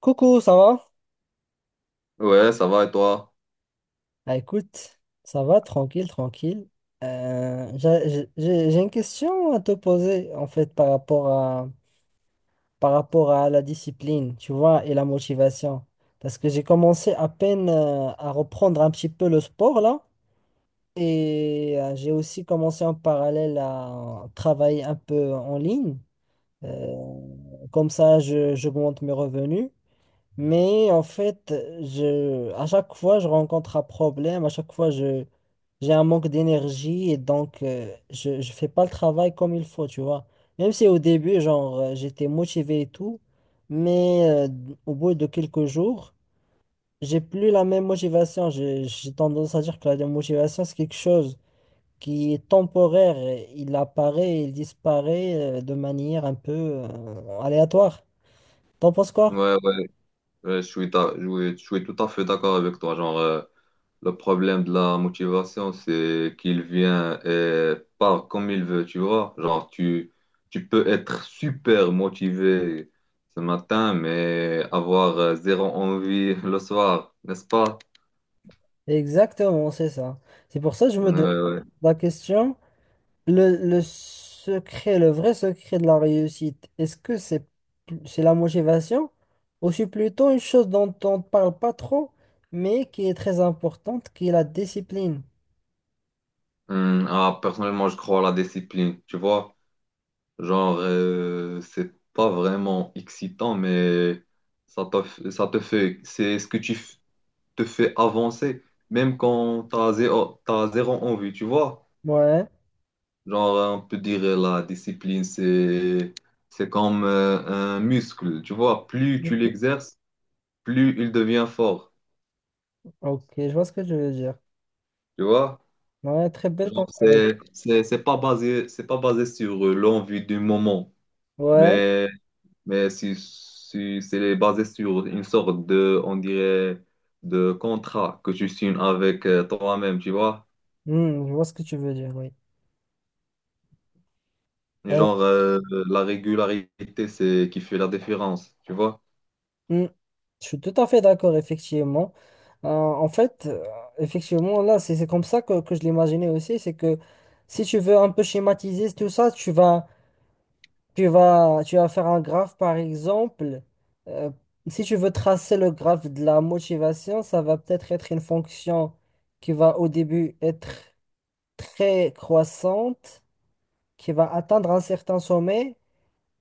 Coucou, ça va? Ouais, ça va et toi? Ah, écoute, ça va, tranquille, tranquille. J'ai une question à te poser, en fait, par rapport à la discipline, tu vois, et la motivation. Parce que j'ai commencé à peine à reprendre un petit peu le sport, là. Et j'ai aussi commencé en parallèle à travailler un peu en ligne. Comme ça, j'augmente mes revenus. Mais en fait, à chaque fois, je rencontre un problème, à chaque fois, j'ai un manque d'énergie et donc je fais pas le travail comme il faut, tu vois. Même si au début, genre, j'étais motivé et tout, mais au bout de quelques jours, j'ai plus la même motivation. J'ai tendance à dire que la motivation, c'est quelque chose qui est temporaire. Il apparaît et il disparaît de manière un peu aléatoire. T'en penses quoi? Ouais, ouais, ouais, je suis, ta- je suis tout à fait d'accord avec toi. Genre, le problème de la motivation, c'est qu'il vient et part comme il veut, tu vois. Genre, tu peux être super motivé ce matin, mais avoir zéro envie le soir, n'est-ce pas? Exactement, c'est ça. C'est pour ça que je me demande Ouais, ouais. la question, le secret, le vrai secret de la réussite, est-ce que c'est la motivation ou c'est plutôt une chose dont on ne parle pas trop, mais qui est très importante, qui est la discipline? Ah, personnellement, je crois à la discipline, tu vois. Genre, c'est pas vraiment excitant, mais ça te fait, c'est ce que te fait avancer, même quand t'as zéro envie, tu vois. Ouais. Genre, on peut dire la discipline, c'est comme un muscle, tu vois. Plus tu Mhm. l'exerces, plus il devient fort, Ok, je vois ce que tu veux dire. tu vois. Ouais, très belle Genre, comparaison. c'est pas basé sur l'envie du moment, Ouais. mais, mais si c'est basé sur une sorte de, on dirait, de contrat que tu signes avec toi-même, tu vois. Hmm, je vois ce que tu veux dire, oui. Et genre, la régularité, c'est qui fait la différence, tu vois? Mm. Je suis tout à fait d'accord, effectivement. En fait, effectivement, là, c'est comme ça que je l'imaginais aussi, c'est que si tu veux un peu schématiser tout ça, tu vas faire un graphe, par exemple. Euh, Si tu veux tracer le graphe de la motivation, ça va peut-être être une fonction qui va au début être très croissante, qui va atteindre un certain sommet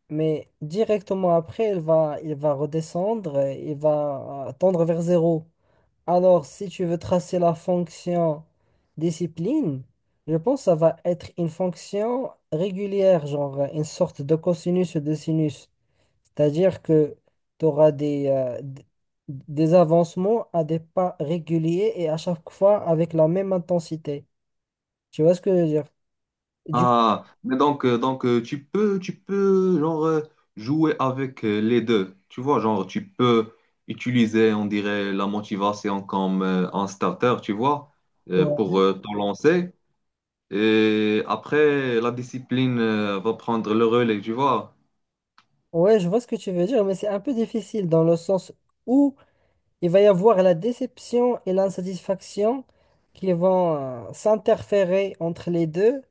mais directement après, il va redescendre, il va tendre vers zéro. Alors, si tu veux tracer la fonction discipline, je pense que ça va être une fonction régulière, genre une sorte de cosinus ou de sinus. C'est-à-dire que tu auras des, des avancements à des pas réguliers et à chaque fois avec la même intensité. Tu vois ce que je veux dire? Du Ah, mais donc, tu peux, genre, jouer avec les deux, tu vois? Genre, tu peux utiliser, on dirait, la motivation comme un starter, tu vois, Ouais. pour te lancer. Et après, la discipline va prendre le relais, tu vois? Ouais, je vois ce que tu veux dire, mais c'est un peu difficile dans le sens où il va y avoir la déception et l'insatisfaction qui vont s'interférer entre les deux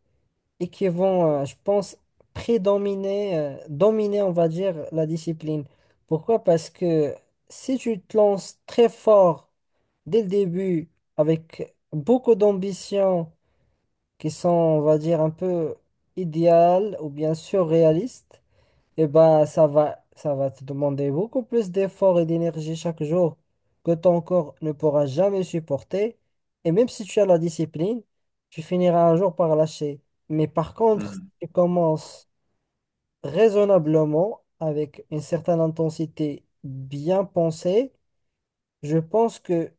et qui vont, je pense, prédominer, dominer, on va dire, la discipline. Pourquoi? Parce que si tu te lances très fort dès le début avec beaucoup d'ambitions qui sont, on va dire, un peu idéales ou bien surréalistes, eh ben, ça va te demander beaucoup plus d'efforts et d'énergie chaque jour que ton corps ne pourra jamais supporter. Et même si tu as la discipline, tu finiras un jour par lâcher. Mais par contre, si Hmm. tu commences raisonnablement, avec une certaine intensité bien pensée, je pense que,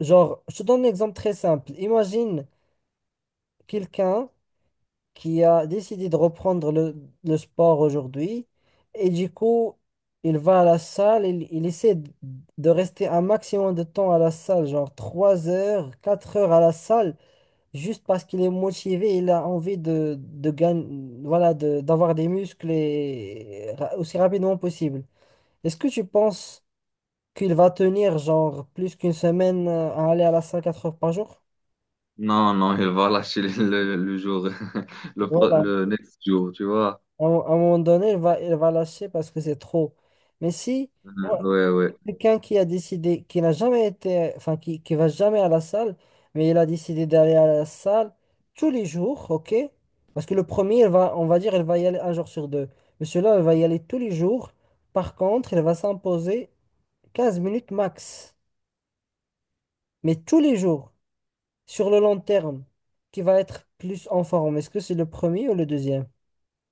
genre, je te donne un exemple très simple. Imagine quelqu'un qui a décidé de reprendre le sport aujourd'hui. Et du coup, il va à la salle, il essaie de rester un maximum de temps à la salle, genre 3 heures, 4 heures à la salle, juste parce qu'il est motivé, il a envie de gagner, voilà, d'avoir des muscles et, aussi rapidement possible. Est-ce que tu penses qu'il va tenir genre plus qu'une semaine à aller à la salle 4 heures par jour? Non, non, il va lâcher le jour, Voilà. le next jour, tu vois? À un moment donné, elle va lâcher parce que c'est trop. Mais si Hmm, moi, ouais, ouais. quelqu'un qui a décidé, qui n'a jamais été, enfin, qui va jamais à la salle, mais il a décidé d'aller à la salle tous les jours, ok? Parce que le premier, elle va, on va dire, elle va y aller un jour sur deux. Mais celui-là, elle va y aller tous les jours. Par contre, elle va s'imposer 15 minutes max. Mais tous les jours, sur le long terme, qui va être plus en forme. Est-ce que c'est le premier ou le deuxième?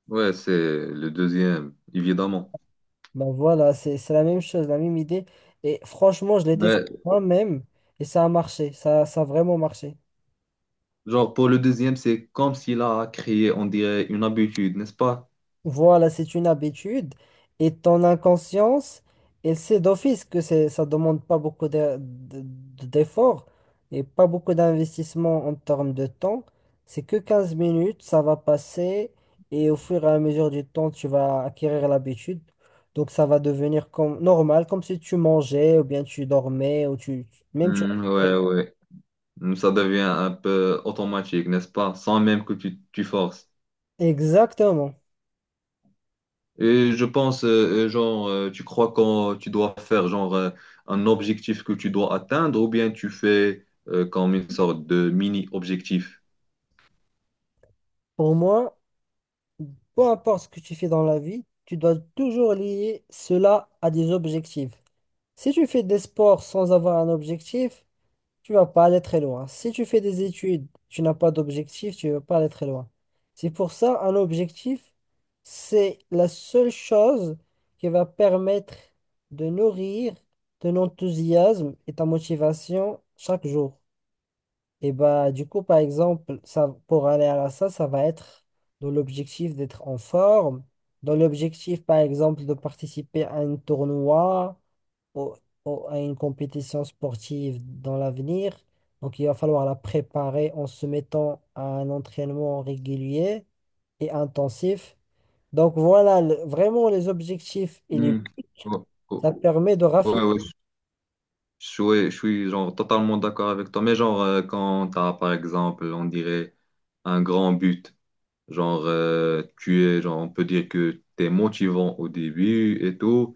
Ouais, c'est le deuxième, évidemment. Ben voilà, c'est la même chose, la même idée. Et franchement, je l'ai testé Ouais, moi-même et ça a marché, ça a vraiment marché. genre pour le deuxième, c'est comme s'il a créé, on dirait, une habitude, n'est-ce pas? Voilà, c'est une habitude et ton inconscience, elle sait d'office que c'est, ça demande pas beaucoup d'efforts et pas beaucoup d'investissement en termes de temps. C'est que 15 minutes, ça va passer et au fur et à mesure du temps, tu vas acquérir l'habitude. Donc ça va devenir comme normal, comme si tu mangeais ou bien tu dormais ou tu même tu Hmm, ouais, ouais. Hmm. Ça devient un peu automatique, n'est-ce pas? Sans même que tu forces. Exactement. Et je pense, genre, tu crois quand tu dois faire, genre, un objectif que tu dois atteindre, ou bien tu fais comme une sorte de mini-objectif. Pour moi, peu importe ce que tu fais dans la vie, tu dois toujours lier cela à des objectifs. Si tu fais des sports sans avoir un objectif, tu vas pas aller très loin. Si tu fais des études, tu n'as pas d'objectif, tu vas pas aller très loin. C'est pour ça, un objectif, c'est la seule chose qui va permettre de nourrir ton enthousiasme et ta motivation chaque jour. Et bah, du coup, par exemple, ça, pour aller à ça, ça va être dans l'objectif d'être en forme, dans l'objectif, par exemple, de participer à un tournoi ou, ou à une compétition sportive dans l'avenir. Donc, il va falloir la préparer en se mettant à un entraînement régulier et intensif. Donc, voilà vraiment les objectifs et les, Hmm. Ouais, ça permet de ouais, raffiner. ouais, Je suis genre totalement d'accord avec toi, mais genre quand t'as par exemple, on dirait un grand but, genre tu es, genre on peut dire que t'es motivant au début et tout,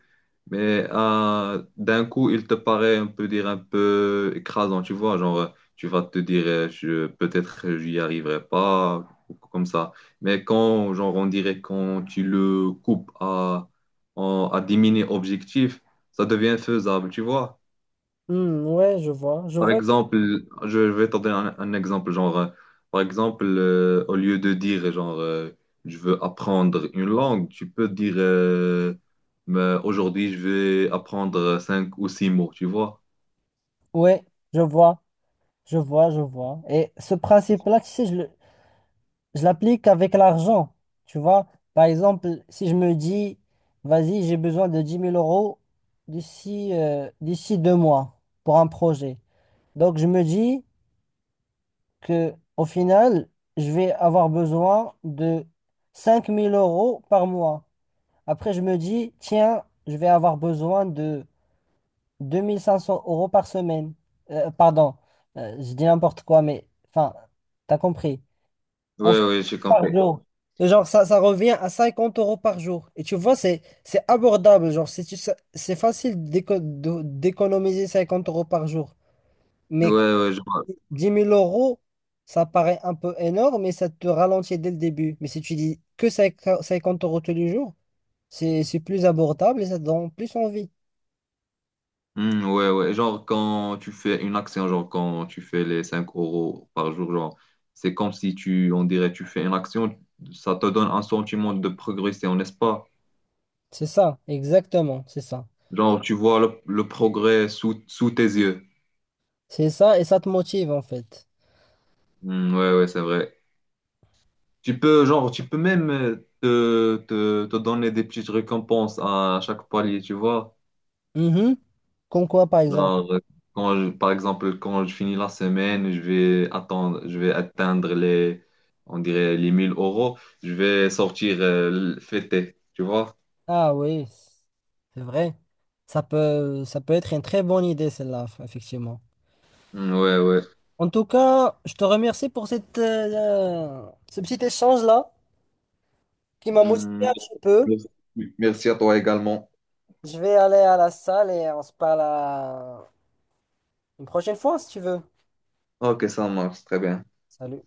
mais d'un coup il te paraît, on peut dire un peu écrasant, tu vois, genre tu vas te dire je peut-être j'y arriverai pas ou comme ça, mais quand genre on dirait quand tu le coupes à diminuer objectif, ça devient faisable, tu vois. Hmm, ouais, je Par vois. exemple, je vais te donner un exemple, genre, par exemple, au lieu de dire, genre, je veux apprendre une langue, tu peux dire, mais aujourd'hui, je vais apprendre cinq ou six mots, tu vois? Ouais, je vois. Je vois. Et ce principe-là, tu sais, je l'applique avec l'argent. Tu vois, par exemple, si je me dis, vas-y, j'ai besoin de 10 000 € d'ici d'ici 2 mois pour un projet. Donc, je me dis que au final, je vais avoir besoin de 5 000 € par mois. Après, je me dis, tiens, je vais avoir besoin de 2 500 € par semaine. Pardon, je dis n'importe quoi, mais enfin, t'as compris. Ouais, Ensuite, ouais, j'ai par compris. jour. Et genre, ça revient à 50 € par jour. Et tu vois, c'est abordable. Genre, c'est, tu sais, c'est facile d'économiser 50 € par jour. Ouais, Mais quand ouais, genre. 10 000 euros, ça paraît un peu énorme, mais ça te ralentit dès le début. Mais si tu dis que 50 € tous les jours, c'est plus abordable et ça te donne plus envie. Hmm, ouais, ouais, genre, quand tu fais une action, genre, quand tu fais les 5 € par jour, genre, c'est comme si tu, on dirait, tu fais une action, ça te donne un sentiment de progression, n'est-ce pas? C'est ça, exactement, c'est ça. Genre, tu vois le progrès sous tes yeux. C'est ça et ça te motive en fait. Hmm, ouais, ouais, c'est vrai. Tu peux, genre, tu peux même te donner des petites récompenses à chaque palier, tu vois. Mhm. Comme quoi, par exemple? Genre, par exemple, quand je finis la semaine, je vais atteindre les, on dirait, les 1000 euros. Je vais sortir fêter, tu vois. Ah oui, c'est vrai. Ça peut être une très bonne idée, celle-là, effectivement. Hmm, ouais, ouais. En tout cas, je te remercie pour cette, ce petit échange-là qui m'a Hmm, motivé un petit peu. merci merci à toi également. Je vais aller à la salle et on se parle à une prochaine fois, si tu veux. Ok, ça marche, très bien. Salut.